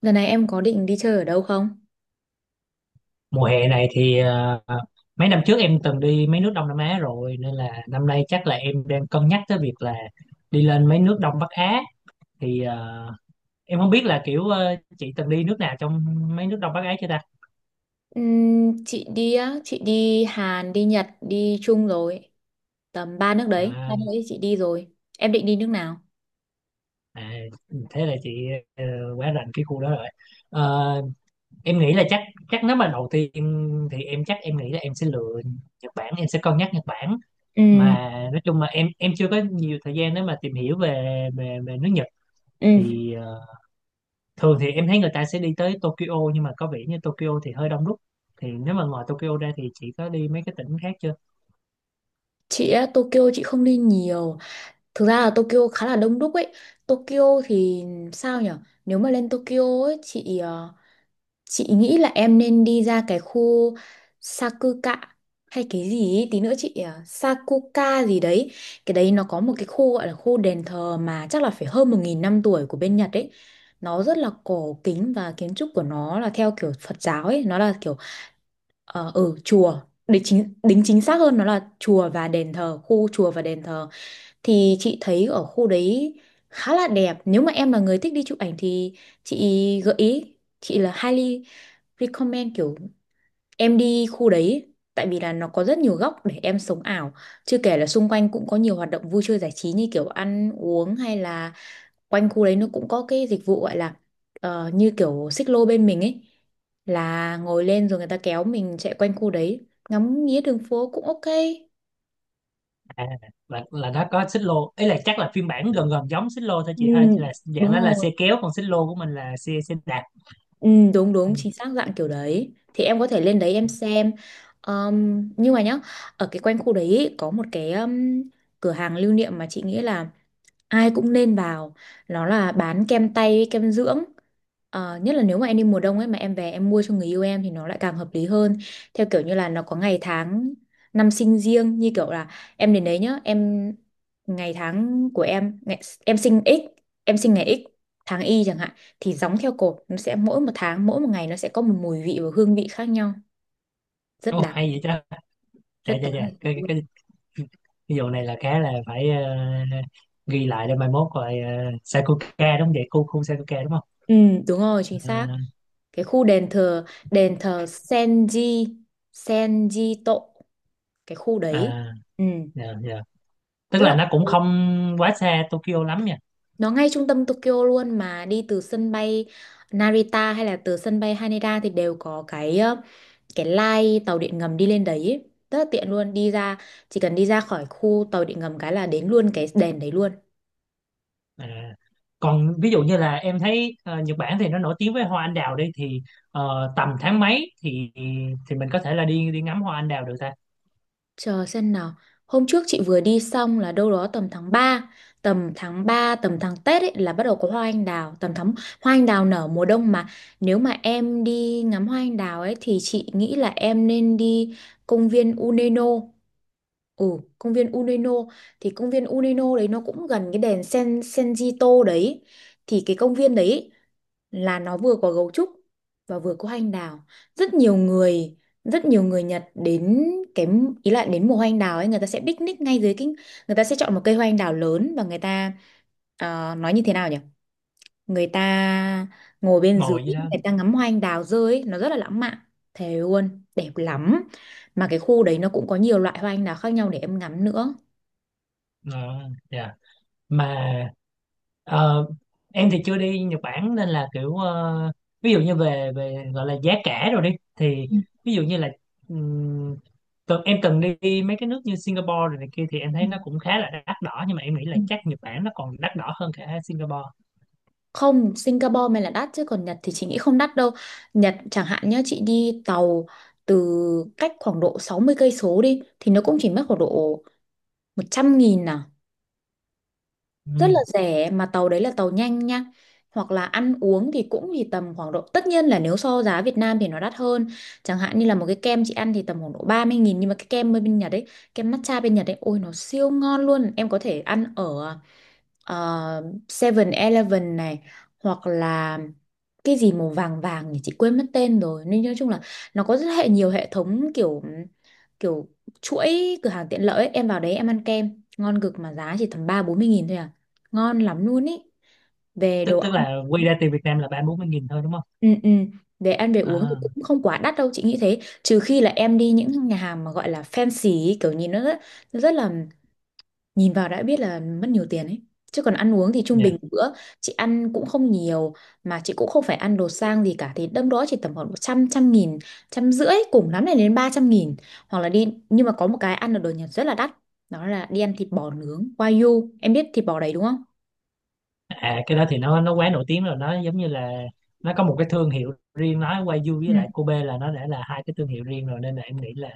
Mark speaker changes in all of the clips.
Speaker 1: Lần này em có định đi chơi ở đâu không?
Speaker 2: Mùa hè này thì mấy năm trước em từng đi mấy nước Đông Nam Á rồi, nên là năm nay chắc là em đang cân nhắc tới việc là đi lên mấy nước Đông Bắc Á. Thì em không biết là kiểu chị từng đi nước nào trong mấy nước Đông Bắc Á chưa ta.
Speaker 1: Chị đi á, chị đi Hàn, đi Nhật, đi Trung rồi. Tầm ba nước đấy, ba
Speaker 2: à,
Speaker 1: nước đấy chị đi rồi. Em định đi nước nào?
Speaker 2: à, thế là chị ờ, quá rành cái khu đó rồi. Ờ, em nghĩ là chắc, nếu mà đầu tiên thì em chắc em nghĩ là em sẽ lựa Nhật Bản, em sẽ cân nhắc Nhật Bản.
Speaker 1: Ừ,
Speaker 2: Mà nói chung mà em chưa có nhiều thời gian để mà tìm hiểu về về nước Nhật.
Speaker 1: ừ.
Speaker 2: Thì thường thì em thấy người ta sẽ đi tới Tokyo, nhưng mà có vẻ như Tokyo thì hơi đông đúc. Thì nếu mà ngoài Tokyo ra thì chị có đi mấy cái tỉnh khác chưa?
Speaker 1: Chị á, Tokyo chị không đi nhiều. Thực ra là Tokyo khá là đông đúc ấy. Tokyo thì sao nhở? Nếu mà lên Tokyo ấy, chị nghĩ là em nên đi ra cái khu Sakuka hay cái gì ý, tí nữa chị à, Sakuka gì đấy. Cái đấy nó có một cái khu gọi là khu đền thờ mà chắc là phải hơn 1.000 năm tuổi của bên Nhật ấy. Nó rất là cổ kính và kiến trúc của nó là theo kiểu Phật giáo ấy, nó là kiểu chùa, để chính xác hơn nó là chùa và đền thờ, khu chùa và đền thờ thì chị thấy ở khu đấy khá là đẹp. Nếu mà em là người thích đi chụp ảnh thì chị gợi ý chị là highly recommend kiểu em đi khu đấy, tại vì là nó có rất nhiều góc để em sống ảo, chưa kể là xung quanh cũng có nhiều hoạt động vui chơi giải trí như kiểu ăn uống, hay là quanh khu đấy nó cũng có cái dịch vụ gọi là như kiểu xích lô bên mình ấy, là ngồi lên rồi người ta kéo mình chạy quanh khu đấy ngắm nghía đường phố cũng ok.
Speaker 2: À, là nó có xích lô ấy, là chắc là phiên bản gần gần giống xích lô thôi
Speaker 1: Ừ,
Speaker 2: chị ha, là dạng
Speaker 1: đúng
Speaker 2: đó là
Speaker 1: rồi.
Speaker 2: xe kéo, còn xích lô của mình là xe xe đạp.
Speaker 1: Ừ, đúng đúng
Speaker 2: Ừ.
Speaker 1: chính xác dạng kiểu đấy thì em có thể lên đấy em xem. Nhưng mà nhá, ở cái quanh khu đấy ý, có một cái cửa hàng lưu niệm mà chị nghĩ là ai cũng nên vào, nó là bán kem tay với kem dưỡng. Ờ, nhất là nếu mà em đi mùa đông ấy mà em về em mua cho người yêu em thì nó lại càng hợp lý hơn, theo kiểu như là nó có ngày tháng năm sinh riêng, như kiểu là em đến đấy nhá, em ngày tháng của em ngày, em sinh x em sinh ngày x tháng y chẳng hạn, thì gióng theo cột nó sẽ mỗi một tháng mỗi một ngày nó sẽ có một mùi vị và hương vị khác nhau, rất
Speaker 2: Ồ
Speaker 1: đáng
Speaker 2: hay vậy ta. Dạ
Speaker 1: rất
Speaker 2: dạ
Speaker 1: đáng
Speaker 2: dạ,
Speaker 1: để thử
Speaker 2: cái, cái,
Speaker 1: luôn.
Speaker 2: cái, cái vụ này là khá là phải ghi lại để mai mốt rồi, Sakuka đúng không vậy, khu khu Sakuka đúng không?
Speaker 1: Ừ, đúng rồi, chính xác.
Speaker 2: à,
Speaker 1: Cái khu đền thờ, đền thờ Senjito, cái khu đấy.
Speaker 2: à,
Speaker 1: Ừ,
Speaker 2: dạ, dạ. Tức
Speaker 1: rất
Speaker 2: là
Speaker 1: là
Speaker 2: nó cũng
Speaker 1: ok.
Speaker 2: không quá xa Tokyo lắm nhỉ.
Speaker 1: Nó ngay trung tâm Tokyo luôn mà đi từ sân bay Narita hay là từ sân bay Haneda thì đều có cái line tàu điện ngầm đi lên đấy ấy. Rất là tiện luôn, đi ra chỉ cần đi ra khỏi khu tàu điện ngầm cái là đến luôn cái đền đấy luôn.
Speaker 2: À, còn ví dụ như là em thấy Nhật Bản thì nó nổi tiếng với hoa anh đào đi, thì tầm tháng mấy thì mình có thể là đi đi ngắm hoa anh đào được ta?
Speaker 1: Chờ xem nào. Hôm trước chị vừa đi xong là đâu đó tầm tháng ba tầm tháng Tết ấy là bắt đầu có hoa anh đào, tầm tháng hoa anh đào nở mùa đông mà. Nếu mà em đi ngắm hoa anh đào ấy thì chị nghĩ là em nên đi công viên Uneno. Ừ, công viên Uneno thì công viên Uneno đấy nó cũng gần cái đèn Senjito đấy. Thì cái công viên đấy là nó vừa có gấu trúc và vừa có anh đào, rất nhiều người rất nhiều người Nhật đến, cái ý là đến mùa hoa anh đào ấy người ta sẽ picnic ngay dưới cái, người ta sẽ chọn một cây hoa anh đào lớn và người ta nói như thế nào nhỉ, người ta ngồi bên dưới,
Speaker 2: Ngồi gì đó.
Speaker 1: người ta ngắm hoa anh đào rơi ấy, nó rất là lãng mạn, thề luôn đẹp lắm, mà cái khu đấy nó cũng có nhiều loại hoa anh đào khác nhau để em ngắm nữa.
Speaker 2: Ờ, dạ. Mà ờ, em thì chưa đi Nhật Bản, nên là kiểu ví dụ như về về gọi là giá cả rồi đi, thì
Speaker 1: Ừ,
Speaker 2: ví dụ như là ừm, em cần đi mấy cái nước như Singapore rồi này kia, thì em
Speaker 1: ừ,
Speaker 2: thấy nó cũng khá là đắt đỏ, nhưng mà em nghĩ là
Speaker 1: ừ.
Speaker 2: chắc Nhật Bản nó còn đắt đỏ hơn cả Singapore.
Speaker 1: Không, Singapore mới là đắt chứ còn Nhật thì chị nghĩ không đắt đâu. Nhật chẳng hạn nhá, chị đi tàu từ cách khoảng độ 60 cây số đi thì nó cũng chỉ mất khoảng độ 100.000 à, rất là rẻ mà tàu đấy là tàu nhanh nha. Hoặc là ăn uống thì cũng thì tầm khoảng độ, tất nhiên là nếu so giá Việt Nam thì nó đắt hơn, chẳng hạn như là một cái kem chị ăn thì tầm khoảng độ 30.000, nhưng mà cái kem bên Nhật ấy, kem matcha bên Nhật ấy, ôi nó siêu ngon luôn. Em có thể ăn ở ờ, 7-Eleven này, hoặc là cái gì màu vàng vàng nhỉ, chị quên mất tên rồi, nên nói chung là nó có rất nhiều hệ thống kiểu kiểu chuỗi cửa hàng tiện lợi ấy. Em vào đấy em ăn kem ngon cực mà giá chỉ tầm ba bốn mươi nghìn thôi à, ngon lắm luôn ý, về đồ
Speaker 2: Tức tức
Speaker 1: ăn.
Speaker 2: là quy ra tiền Việt Nam là 30 40 nghìn thôi đúng không?
Speaker 1: Ừ, ừ. Về ăn về uống thì
Speaker 2: À,
Speaker 1: cũng không quá đắt đâu, chị nghĩ thế, trừ khi là em đi những nhà hàng mà gọi là fancy ý, kiểu nhìn nó rất là nhìn vào đã biết là mất nhiều tiền ấy, chứ còn ăn uống thì trung
Speaker 2: dạ.
Speaker 1: bình một bữa chị ăn cũng không nhiều mà chị cũng không phải ăn đồ sang gì cả thì đâm đó chỉ tầm khoảng một trăm trăm nghìn trăm rưỡi cùng lắm này đến 300.000, hoặc là đi nhưng mà có một cái ăn ở đồ Nhật rất là đắt, đó là đi ăn thịt bò nướng Wagyu, em biết thịt bò đấy đúng không.
Speaker 2: À cái đó thì nó quá nổi tiếng rồi, nó giống như là nó có một cái thương hiệu riêng, nói Wagyu
Speaker 1: Ừ.
Speaker 2: với lại Kobe là nó đã là hai cái thương hiệu riêng rồi. Nên là em nghĩ là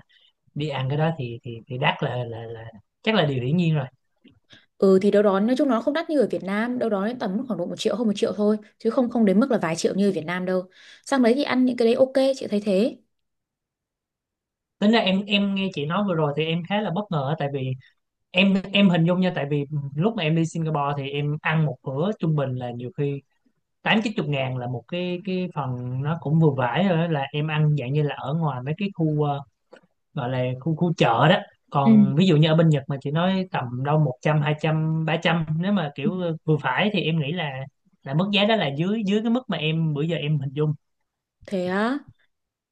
Speaker 2: đi ăn cái đó thì đắt là chắc là điều hiển nhiên rồi.
Speaker 1: Ừ thì đâu đó nói chung nó không đắt như ở Việt Nam đâu, đó đến tầm khoảng độ 1.000.000 hơn 1.000.000 thôi chứ không, không đến mức là vài triệu như ở Việt Nam đâu. Sang đấy thì ăn những cái đấy ok, chị thấy thế.
Speaker 2: Tính ra em nghe chị nói vừa rồi thì em khá là bất ngờ á, tại vì em hình dung nha, tại vì lúc mà em đi Singapore thì em ăn một bữa trung bình là nhiều khi 8 9 chục ngàn là một cái, phần nó cũng vừa vải rồi đó, là em ăn dạng như là ở ngoài mấy cái khu gọi là khu khu chợ đó.
Speaker 1: Ừ.
Speaker 2: Còn ví dụ như ở bên Nhật mà chị nói tầm đâu 100 200 300 nếu mà kiểu vừa phải, thì em nghĩ là mức giá đó là dưới dưới cái mức mà em bữa giờ em hình dung.
Speaker 1: Thế á?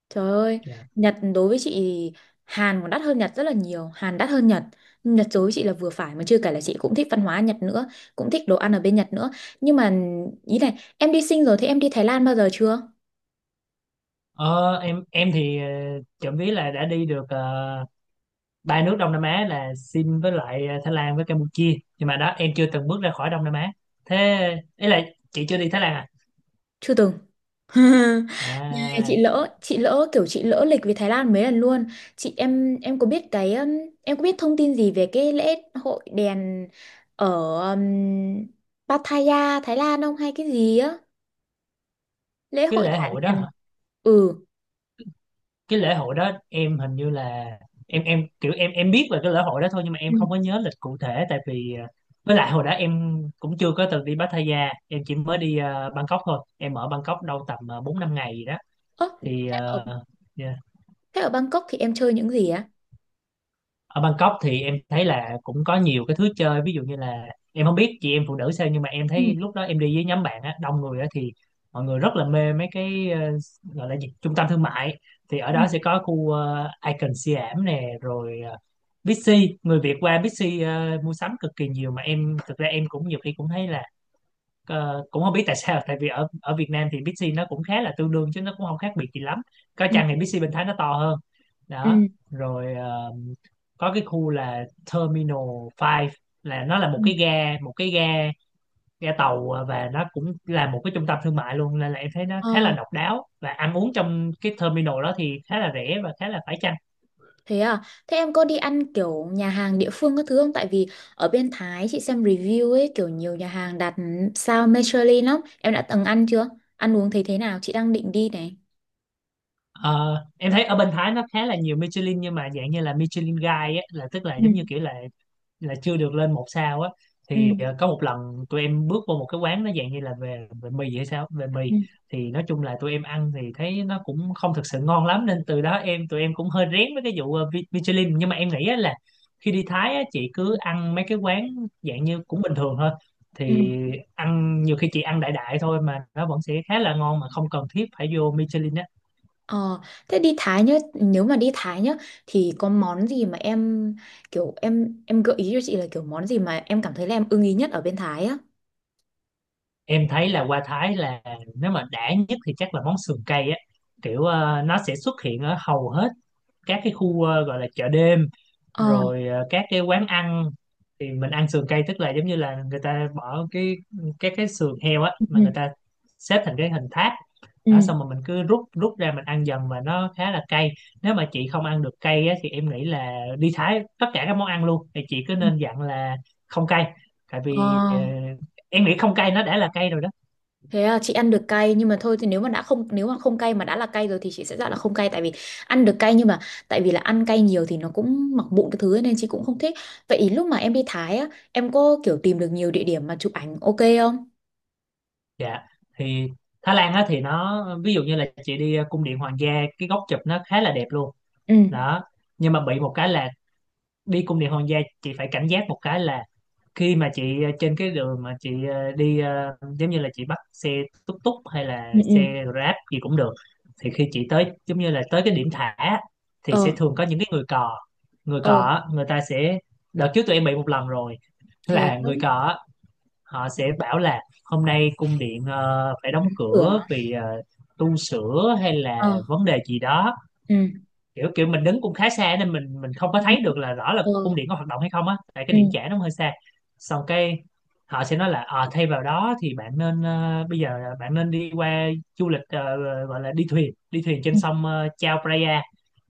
Speaker 1: Trời ơi,
Speaker 2: Dạ.
Speaker 1: Nhật đối với chị thì Hàn còn đắt hơn Nhật rất là nhiều, Hàn đắt hơn Nhật. Nhật đối với chị là vừa phải mà chưa kể là chị cũng thích văn hóa Nhật nữa, cũng thích đồ ăn ở bên Nhật nữa. Nhưng mà ý này, em đi sinh rồi thì em đi Thái Lan bao giờ chưa?
Speaker 2: Ờ, em thì trộm vía là đã đi được ba nước Đông Nam Á là Sin với lại Thái Lan với Campuchia, nhưng mà đó em chưa từng bước ra khỏi Đông Nam Á. Thế ý là chị chưa đi Thái Lan à?
Speaker 1: Chưa từng. Này, chị
Speaker 2: À
Speaker 1: lỡ, chị lỡ kiểu chị lỡ lịch về Thái Lan mấy lần luôn. Chị em có biết thông tin gì về cái lễ hội đèn ở um, Pattaya Thái Lan không hay cái gì á? Lễ
Speaker 2: cái
Speaker 1: hội
Speaker 2: lễ
Speaker 1: thả
Speaker 2: hội
Speaker 1: đèn.
Speaker 2: đó
Speaker 1: Ừ.
Speaker 2: cái lễ hội đó em hình như là em kiểu em biết về cái lễ hội đó thôi, nhưng mà em không có nhớ lịch cụ thể tại vì với lại hồi đó em cũng chưa có từng đi Pattaya, em chỉ mới đi Bangkok thôi. Em ở Bangkok đâu tầm 4 5 ngày gì đó.
Speaker 1: Ơ,
Speaker 2: Thì
Speaker 1: thế ở,
Speaker 2: yeah.
Speaker 1: thế ở Bangkok thì em chơi những gì á?
Speaker 2: Ở Bangkok thì em thấy là cũng có nhiều cái thứ chơi, ví dụ như là em không biết chị em phụ nữ sao, nhưng mà em
Speaker 1: Ừ.
Speaker 2: thấy lúc đó em đi với nhóm bạn á, đông người á, thì mọi người rất là mê mấy cái gọi là gì, trung tâm thương mại. Thì ở
Speaker 1: Ừ.
Speaker 2: đó sẽ có khu Icon Siam nè, rồi Bixi, người Việt qua Bixi mua sắm cực kỳ nhiều. Mà em thực ra em cũng nhiều khi cũng thấy là cũng không biết tại sao, tại vì ở ở Việt Nam thì Bixi nó cũng khá là tương đương chứ nó cũng không khác biệt gì lắm. Có
Speaker 1: Ừ.
Speaker 2: chăng thì Bixi Bình Thái nó to hơn
Speaker 1: Ừ.
Speaker 2: đó. Rồi có cái khu là Terminal 5, là nó là một
Speaker 1: Ừ.
Speaker 2: cái ga, tàu, và nó cũng là một cái trung tâm thương mại luôn, nên là em thấy nó khá là
Speaker 1: Ờ,
Speaker 2: độc đáo, và ăn uống trong cái terminal đó thì khá là rẻ và khá là phải chăng.
Speaker 1: thế à? Thế em có đi ăn kiểu nhà hàng địa phương các thứ không? Tại vì ở bên Thái chị xem review ấy, kiểu nhiều nhà hàng đặt sao Michelin lắm. Em đã từng ăn chưa? Ăn uống thấy thế nào? Chị đang định đi này.
Speaker 2: Ờ, em thấy ở bên Thái nó khá là nhiều Michelin, nhưng mà dạng như là Michelin Guide á, là tức là
Speaker 1: Ừ.
Speaker 2: giống như kiểu là chưa được lên một sao á.
Speaker 1: Ừ.
Speaker 2: Thì có một lần tụi em bước vô một cái quán, nó dạng như là về về mì hay sao về mì,
Speaker 1: Ừ.
Speaker 2: thì nói chung là tụi em ăn thì thấy nó cũng không thực sự ngon lắm, nên từ đó em tụi em cũng hơi rén với cái vụ Michelin. Nhưng mà em nghĩ á là khi đi Thái á, chị cứ ăn mấy cái quán dạng như cũng bình thường thôi,
Speaker 1: Ừ.
Speaker 2: thì ăn nhiều khi chị ăn đại đại thôi mà nó vẫn sẽ khá là ngon, mà không cần thiết phải vô Michelin á.
Speaker 1: Ờ, thế đi Thái nhá, nếu mà đi Thái nhá thì có món gì mà em kiểu em gợi ý cho chị là kiểu món gì mà em cảm thấy là em ưng ý nhất ở bên Thái á?
Speaker 2: Em thấy là qua Thái là nếu mà đã nhất thì chắc là món sườn cây á. Kiểu nó sẽ xuất hiện ở hầu hết các cái khu gọi là chợ đêm,
Speaker 1: Ờ.
Speaker 2: rồi các cái quán ăn. Thì mình ăn sườn cây tức là giống như là người ta bỏ cái các cái sườn heo á, mà người ta xếp thành cái hình tháp
Speaker 1: Ừ.
Speaker 2: đó, xong rồi mình cứ rút rút ra mình ăn dần, và nó khá là cay. Nếu mà chị không ăn được cay á, thì em nghĩ là đi Thái tất cả các món ăn luôn thì chị cứ nên dặn là không cay, tại
Speaker 1: Ờ,
Speaker 2: vì em nghĩ không cay nó đã là cay rồi đó.
Speaker 1: thế là chị ăn được cay nhưng mà thôi thì nếu mà không cay mà đã là cay rồi thì chị sẽ dặn là không cay, tại vì ăn được cay nhưng mà tại vì là ăn cay nhiều thì nó cũng mọc mụn cái thứ ấy, nên chị cũng không thích. Vậy ý lúc mà em đi Thái á, em có kiểu tìm được nhiều địa điểm mà chụp ảnh ok không?
Speaker 2: Dạ, thì Thái Lan á, thì nó ví dụ như là chị đi cung điện hoàng gia, cái góc chụp nó khá là đẹp luôn
Speaker 1: Ừ.
Speaker 2: đó. Nhưng mà bị một cái là đi cung điện hoàng gia chị phải cảnh giác một cái là khi mà chị trên cái đường mà chị đi giống như là chị bắt xe túc túc hay là
Speaker 1: Ừ, ừ.
Speaker 2: xe Grab gì cũng được, thì khi chị tới giống như là tới cái điểm thả á, thì sẽ
Speaker 1: Ờ,
Speaker 2: thường có những cái người cò. Người cò
Speaker 1: ờ,
Speaker 2: á, người ta sẽ, đợt trước tụi em bị một lần rồi,
Speaker 1: thế
Speaker 2: là
Speaker 1: đó.
Speaker 2: người cò á, họ sẽ bảo là hôm nay cung điện phải đóng cửa
Speaker 1: Cửa.
Speaker 2: vì tu sửa hay
Speaker 1: Ờ.
Speaker 2: là vấn đề gì đó.
Speaker 1: Ừ.
Speaker 2: Kiểu Kiểu mình đứng cũng khá xa nên mình không có thấy được là rõ là cung
Speaker 1: Ờ.
Speaker 2: điện có hoạt động hay không á, tại
Speaker 1: Ừ.
Speaker 2: cái điểm chạm nó hơi xa. Xong cái họ sẽ nói là thay vào đó thì bạn nên, bây giờ là bạn nên đi qua du lịch gọi là đi thuyền, trên
Speaker 1: Ừ.
Speaker 2: sông Chao Phraya,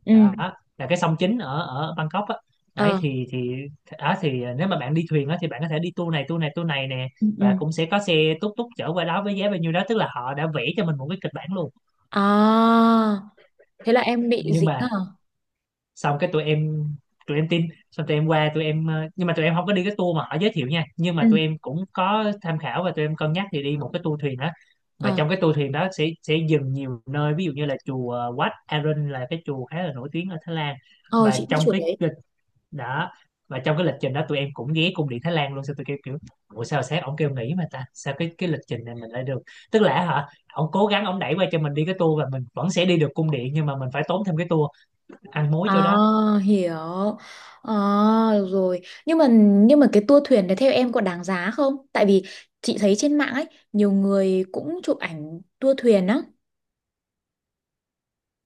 Speaker 1: Ừ.
Speaker 2: đó là cái sông chính ở ở Bangkok á. Đấy
Speaker 1: Ờ.
Speaker 2: thì đó thì nếu mà bạn đi thuyền á thì bạn có thể đi tour này tour này tour này nè,
Speaker 1: Ừ.
Speaker 2: và
Speaker 1: Ừ.
Speaker 2: cũng sẽ có xe túc túc chở qua đó với giá bao nhiêu đó, tức là họ đã vẽ cho mình một cái kịch bản luôn.
Speaker 1: À, thế là em bị
Speaker 2: Nhưng
Speaker 1: dính à?
Speaker 2: mà xong cái tụi em, tin xong tụi em qua tụi em nhưng mà tụi em không có đi cái tour mà họ giới thiệu nha, nhưng
Speaker 1: Ừ.
Speaker 2: mà tụi em cũng có tham khảo và tụi em cân nhắc thì đi một cái tour thuyền đó. Mà
Speaker 1: Ờ.
Speaker 2: trong cái tour thuyền đó sẽ dừng nhiều nơi, ví dụ như là chùa Wat Arun là cái chùa khá là nổi tiếng ở Thái Lan.
Speaker 1: Ờ,
Speaker 2: Và
Speaker 1: chị biết chuột đấy.
Speaker 2: đó trong cái lịch trình đó tụi em cũng ghé cung điện Thái Lan luôn. Sao tụi kêu kiểu ủa sao sáng ổng kêu nghỉ mà ta, sao cái lịch trình này mình lại được? Tức là hả, ổng cố gắng ổng đẩy qua cho mình đi cái tour và mình vẫn sẽ đi được cung điện, nhưng mà mình phải tốn thêm cái tour ăn mối
Speaker 1: À,
Speaker 2: chỗ đó.
Speaker 1: hiểu. À, được rồi. Nhưng mà cái tour thuyền đấy theo em có đáng giá không? Tại vì chị thấy trên mạng ấy nhiều người cũng chụp ảnh tour thuyền á.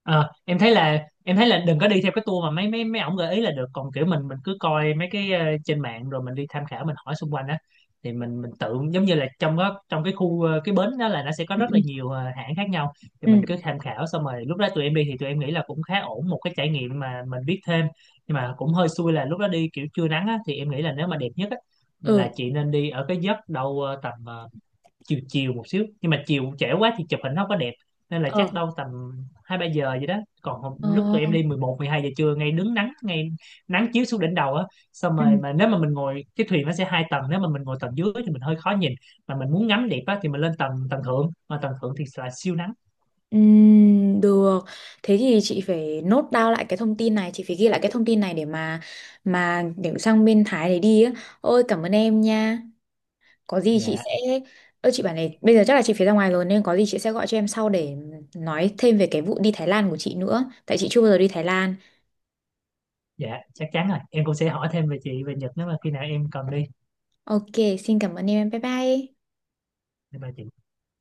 Speaker 2: Ờ, em thấy là đừng có đi theo cái tour mà mấy mấy mấy ổng gợi ý là được. Còn kiểu mình cứ coi mấy cái trên mạng rồi mình đi tham khảo, mình hỏi xung quanh á, thì mình tự giống như là trong đó, trong cái khu cái bến đó là nó sẽ có
Speaker 1: Ừ,
Speaker 2: rất là nhiều hãng khác nhau. Thì
Speaker 1: ừ,
Speaker 2: mình cứ tham khảo xong rồi lúc đó tụi em đi thì tụi em nghĩ là cũng khá ổn, một cái trải nghiệm mà mình biết thêm. Nhưng mà cũng hơi xui là lúc đó đi kiểu trưa nắng á, thì em nghĩ là nếu mà đẹp nhất á là
Speaker 1: ừ.
Speaker 2: chị nên đi ở cái giấc đâu tầm chiều chiều một xíu. Nhưng mà chiều trễ quá thì chụp hình nó không có đẹp, nên là
Speaker 1: Ờ.
Speaker 2: chắc đâu tầm 2 3 giờ vậy đó. Còn
Speaker 1: Ờ.
Speaker 2: lúc tụi em đi 11 12 giờ trưa ngay đứng nắng, ngay nắng chiếu xuống đỉnh đầu á. Xong
Speaker 1: Ừ.
Speaker 2: rồi mà nếu mà mình ngồi cái thuyền nó sẽ hai tầng, nếu mà mình ngồi tầng dưới thì mình hơi khó nhìn, mà mình muốn ngắm đẹp á thì mình lên tầng tầng thượng, mà tầng thượng thì là siêu nắng.
Speaker 1: Ừ, được. Thế thì chị phải nốt down lại cái thông tin này, chị phải ghi lại cái thông tin này để mà để sang bên Thái để đi á. Ôi cảm ơn em nha. Có gì chị
Speaker 2: Dạ,
Speaker 1: sẽ. Ơ chị bảo này bây giờ chắc là chị phải ra ngoài rồi nên có gì chị sẽ gọi cho em sau để nói thêm về cái vụ đi Thái Lan của chị nữa tại chị chưa bao giờ đi Thái Lan.
Speaker 2: dạ chắc chắn rồi, em cũng sẽ hỏi thêm về chị về Nhật nếu mà khi nào em cần đi,
Speaker 1: Ok, xin cảm ơn em. Bye bye.
Speaker 2: để bà chị